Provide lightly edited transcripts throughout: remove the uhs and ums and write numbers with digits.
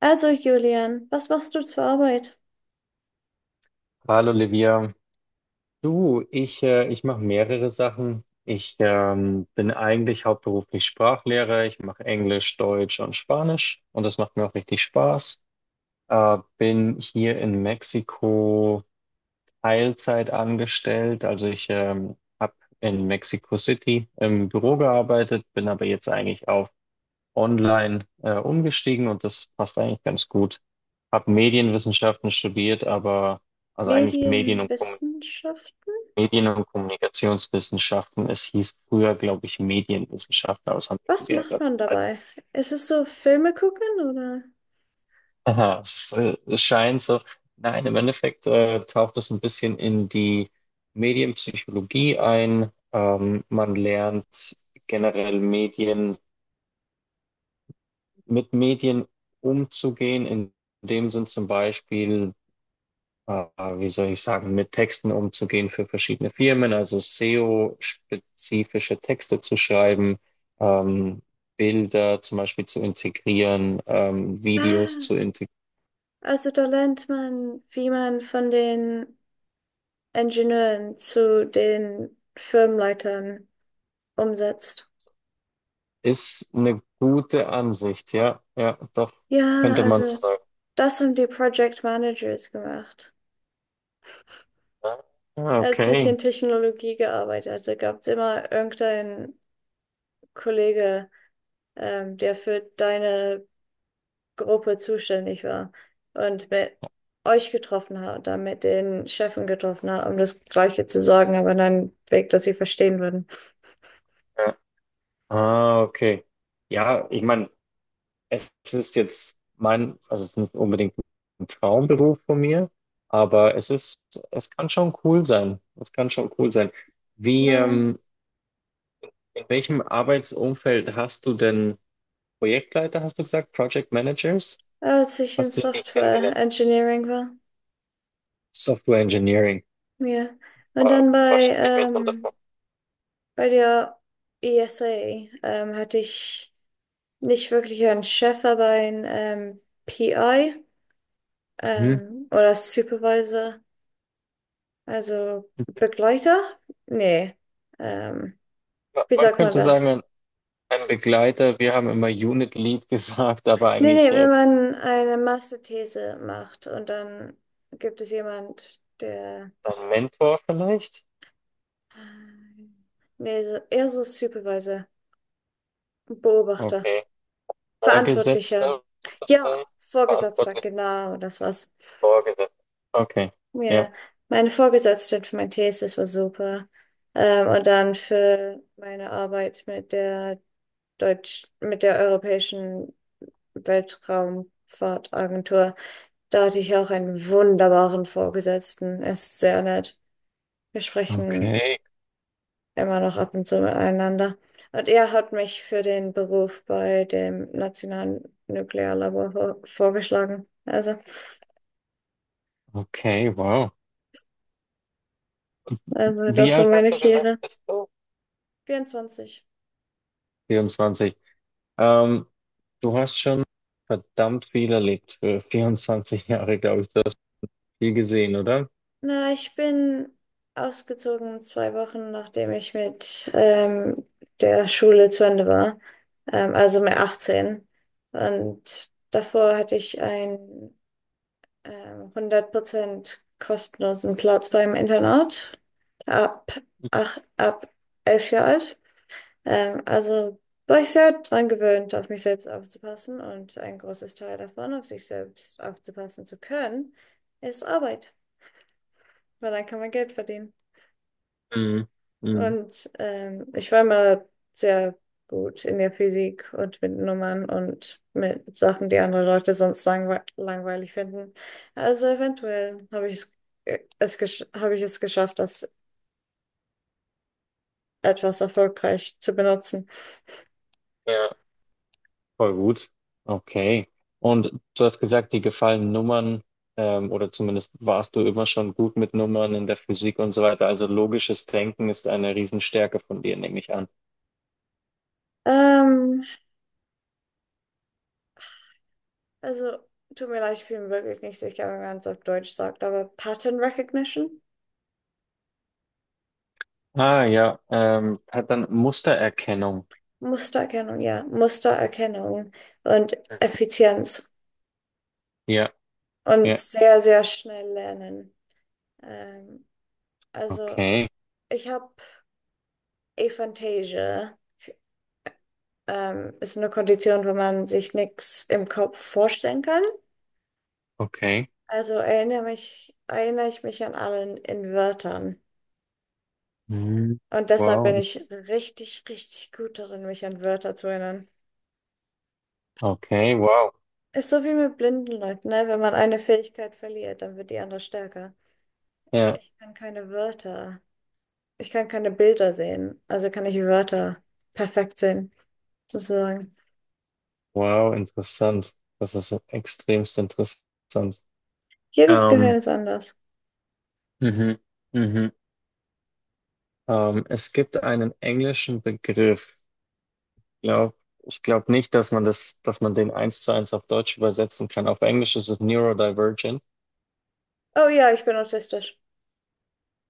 Also, Julian, was machst du zur Arbeit? Hallo Livia, du, ich mache mehrere Sachen. Ich bin eigentlich hauptberuflich Sprachlehrer. Ich mache Englisch, Deutsch und Spanisch und das macht mir auch richtig Spaß. Bin hier in Mexiko Teilzeit angestellt. Also ich habe in Mexico City im Büro gearbeitet, bin aber jetzt eigentlich auf Online umgestiegen und das passt eigentlich ganz gut. Hab Medienwissenschaften studiert, aber also eigentlich Medien und Kommunikation. Medienwissenschaften? Medien- und Kommunikationswissenschaften. Es hieß früher, glaube ich, Medienwissenschaften, aber das haben wir Was macht umgeändert. man dabei? Ist es so Filme gucken oder? Aha, es scheint so. Nein, im Endeffekt taucht es ein bisschen in die Medienpsychologie ein. Man lernt generell Medien, mit Medien umzugehen. In dem Sinn zum Beispiel, äh, wie soll ich sagen, mit Texten umzugehen für verschiedene Firmen, also SEO-spezifische Texte zu schreiben, ähm, Bilder zum Beispiel zu integrieren, Videos Ah, zu integrieren. also da lernt man, wie man von den Ingenieuren zu den Firmenleitern umsetzt. Ist eine gute Ansicht, ja, ja, doch, Ja, könnte man so also sagen. das haben die Project Managers gemacht. Ah, Als ich okay. in Technologie gearbeitet hatte, gab es immer irgendeinen Kollege, der für deine Gruppe zuständig war und mit euch getroffen hat und dann mit den Chefen getroffen hat, um das Gleiche zu sagen, aber in einem Weg, dass sie verstehen würden. Ja. Ah, okay. Ja, ich meine, es ist jetzt mein, also es ist nicht unbedingt ein Traumberuf von mir, aber es ist, es kann schon cool sein. Es kann schon cool sein. Wie, Na, ähm, in welchem Arbeitsumfeld hast du denn Projektleiter, hast du gesagt, Project Managers? als ich in Hast du die Software kennengelernt? Engineering war. Software Engineering. Ja. Und Wa- dann Was bei, stelle ich mir darunter ähm, vor? bei der ESA hatte ich nicht wirklich einen Chef, aber einen PI Mhm. Oder Supervisor, also Begleiter? Nee. Ähm, Ma- Wie Man sagt man könnte sagen, das? Ein Begleiter, wir haben immer Unit Lead gesagt, aber Nee, eigentlich nee, äh, wenn man eine Masterthese macht und dann gibt es jemand, der, ein Mentor vielleicht? nee, eher so Supervisor, Beobachter, Okay. Verantwortlicher. Vorgesetzter Ja, vielleicht? Vorgesetzter, Verantwortlich genau, das war's. Vorgesetzter. Okay. Ja. Ja, meine Vorgesetzte für meine Thesis war super. Und dann für meine Arbeit mit der Deutsch, mit der europäischen Weltraumfahrtagentur. Da hatte ich auch einen wunderbaren Vorgesetzten. Er ist sehr nett. Wir sprechen Okay. immer noch ab und zu miteinander. Und er hat mich für den Beruf bei dem Nationalen Nuklearlabor vorgeschlagen. Okay, wow. Also Wie das war alt meine hast du gesagt, Karriere. bist du? 24. 24. Ähm, du hast schon verdammt viel erlebt für 24 Jahre, glaube ich. Du hast viel gesehen, oder? Na, ich bin ausgezogen 2 Wochen, nachdem ich mit der Schule zu Ende war. Also mit 18. Und davor hatte ich einen 100% kostenlosen Platz beim Internat ab, ach, ab 11 Jahre alt. Also war ich sehr dran gewöhnt, auf mich selbst aufzupassen. Und ein großes Teil davon, auf sich selbst aufzupassen zu können, ist Arbeit, weil dann kann man Geld verdienen. Mhm. Mhm. Und ich war immer sehr gut in der Physik und mit Nummern und mit Sachen, die andere Leute sonst langweilig finden. Also eventuell habe ich es, es gesch- habe ich es geschafft, das etwas erfolgreich zu benutzen. Ja. Voll gut. Okay. Und du hast gesagt, die gefallen Nummern, oder zumindest warst du immer schon gut mit Nummern in der Physik und so weiter. Also logisches Denken ist eine Riesenstärke von dir, nehme ich an. Ähm, also tut mir leid, ich bin wirklich nicht sicher, wie man es auf Deutsch sagt, aber Pattern Recognition, Ah, ja, hat dann Mustererkennung. Mustererkennung, ja, Mustererkennung und Effizienz Ja, und ja. sehr, sehr schnell lernen. Ähm, Also, Okay, ich habe Aphantasia. Ist eine Kondition, wo man sich nichts im Kopf vorstellen kann. okay. Also erinnere ich mich an allen in Wörtern. Mhm. Und deshalb bin Wow. ich richtig, richtig gut darin, mich an Wörter zu erinnern. Okay, wow. Ist so wie mit blinden Leuten, ne? Wenn man eine Fähigkeit verliert, dann wird die andere stärker. Ja, Ich kann keine Wörter, ich kann keine Bilder sehen, also kann ich Wörter perfekt sehen, sozusagen. wow, interessant. Das ist extremst interessant. Jedes Gehirn Ähm, ist anders. mhm, mhm. Es gibt einen englischen Begriff. Glaub, ich glaube nicht, dass man das, dass man den eins zu eins auf Deutsch übersetzen kann. Auf Englisch ist es neurodivergent. Oh ja, ich bin autistisch.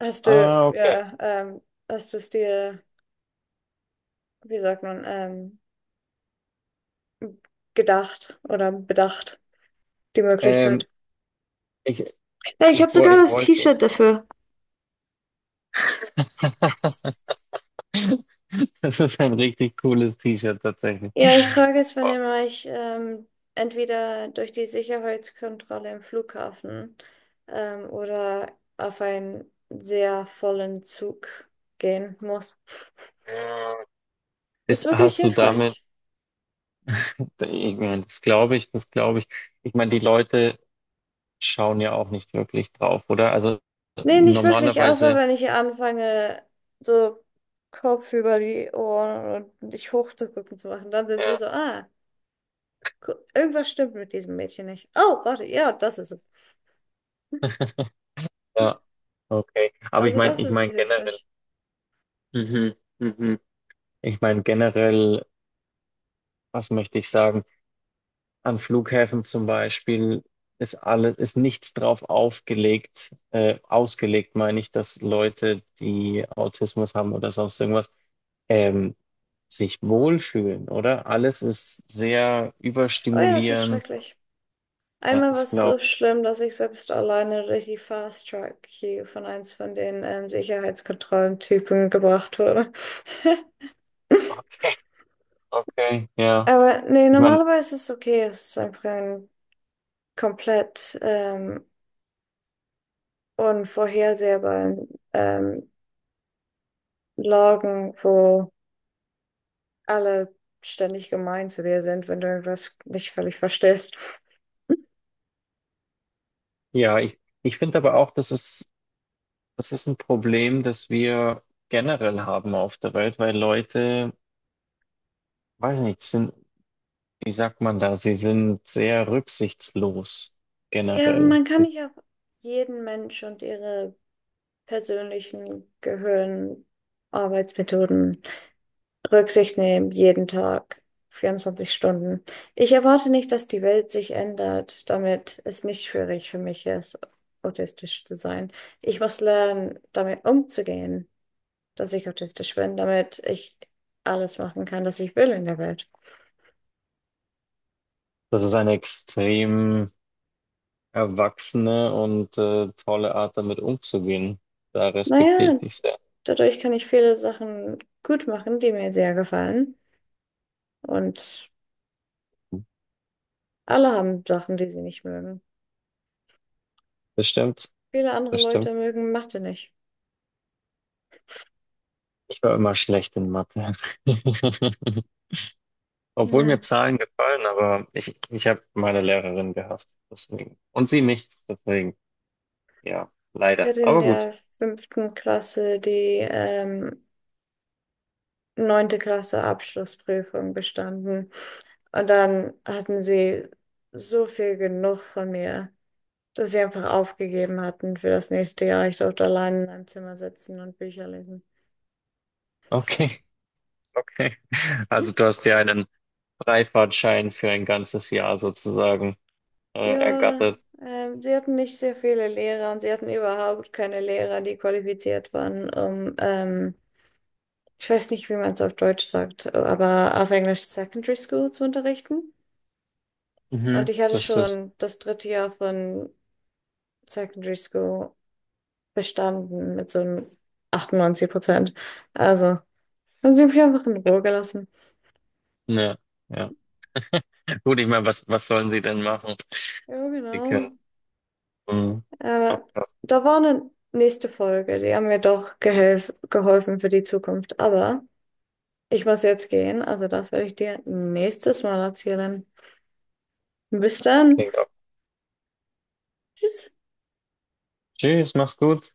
Hast du, Ah, okay. ja, ähm, hast du es dir, wie sagt man, gedacht oder bedacht, die Ähm, Möglichkeit? ich, Ja, ich ich, habe wo- sogar ich das wollte. T-Shirt dafür. Das ist ein richtig cooles T-Shirt tatsächlich. Ja, ich trage es, wenn immer ich entweder durch die Sicherheitskontrolle im Flughafen oder auf einen sehr vollen Zug gehen muss. Äh, Ist Ist, wirklich hast du damit, hilfreich. ich meine, das glaube ich, das glaube ich. Ich meine, die Leute schauen ja auch nicht wirklich drauf, oder? Also Nee, nicht wirklich, außer normalerweise, wenn ich anfange, so Kopf über die Ohren und dich hochzugucken zu machen. Dann sind sie ja. so, ah, irgendwas stimmt mit diesem Mädchen nicht. Oh, warte, ja, das ist es. Ja, okay. Aber ich Also meine, doch ich ist meine sie generell, hilfreich. mhm, mhm. Ich meine generell, was möchte ich sagen? An Flughäfen zum Beispiel ist alles, ist nichts ausgelegt, meine ich, dass Leute, die Autismus haben oder sonst irgendwas, ähm, sich wohlfühlen, oder? Alles ist sehr Oh ja, es ist überstimulierend. schrecklich. Ja, Einmal war ich es so glaube. schlimm, dass ich selbst alleine durch die Fast Track hier von eins von den Sicherheitskontrollentypen gebracht wurde. Okay, okay, ja. Aber nee, Ich meine, normalerweise ist es okay. Es ist einfach ein komplett unvorhersehbaren Lagen, wo alle ständig gemein zu dir sind, wenn du irgendwas nicht völlig verstehst. ja, ich finde aber auch, das ist das ist ein Problem, das wir generell haben auf der Welt, weil Leute, weiß nicht, sind, wie sagt man da, sie sind sehr rücksichtslos Ja, aber generell. man kann nicht auf jeden Mensch und ihre persönlichen Gehirnarbeitsmethoden Rücksicht nehmen, jeden Tag, 24 Stunden. Ich erwarte nicht, dass die Welt sich ändert, damit es nicht schwierig für mich ist, autistisch zu sein. Ich muss lernen, damit umzugehen, dass ich autistisch bin, damit ich alles machen kann, was ich will in der Welt. Das ist eine extrem erwachsene und tolle Art, damit umzugehen. Da respektiere ich Naja, dich sehr. dadurch kann ich viele Sachen gut machen, die mir sehr gefallen. Und alle haben Sachen, die sie nicht mögen. Das stimmt, Viele andere das stimmt. Leute mögen Mathe nicht. Ich war immer schlecht in Mathe. Obwohl mir Hm. Zahlen gefallen, aber ich habe meine Lehrerin gehasst, deswegen. Und sie mich, deswegen. Ja, Ich leider. hatte in Aber gut. der 5. Klasse die ähm, 9. Klasse Abschlussprüfung bestanden. Und dann hatten sie so viel genug von mir, dass sie einfach aufgegeben hatten für das nächste Jahr. Ich durfte allein in einem Zimmer sitzen und Bücher lesen. Okay, okay. Also du hast dir einen Freifahrtschein für ein ganzes Jahr sozusagen Ja, ergattert. Sie hatten nicht sehr viele Lehrer und sie hatten überhaupt keine Lehrer, die qualifiziert waren, um, ich weiß nicht, wie man es auf Deutsch sagt, aber auf Englisch Secondary School zu unterrichten. Und Mhm. ich hatte Das ist, schon das 3. Jahr von Secondary School bestanden mit so einem 98%. Also, dann sind wir einfach in Ruhe gelassen. ne, ja. Gut, ich meine, was sollen sie denn machen? Ja, Die können. genau. Mhm. Ach, Äh, das da war eine nächste Folge, die haben mir doch gehelf geholfen für die Zukunft. Aber ich muss jetzt gehen, also das werde ich dir nächstes Mal erzählen. Bis dann. klingt auch. Tschüss. Tschüss, mach's gut.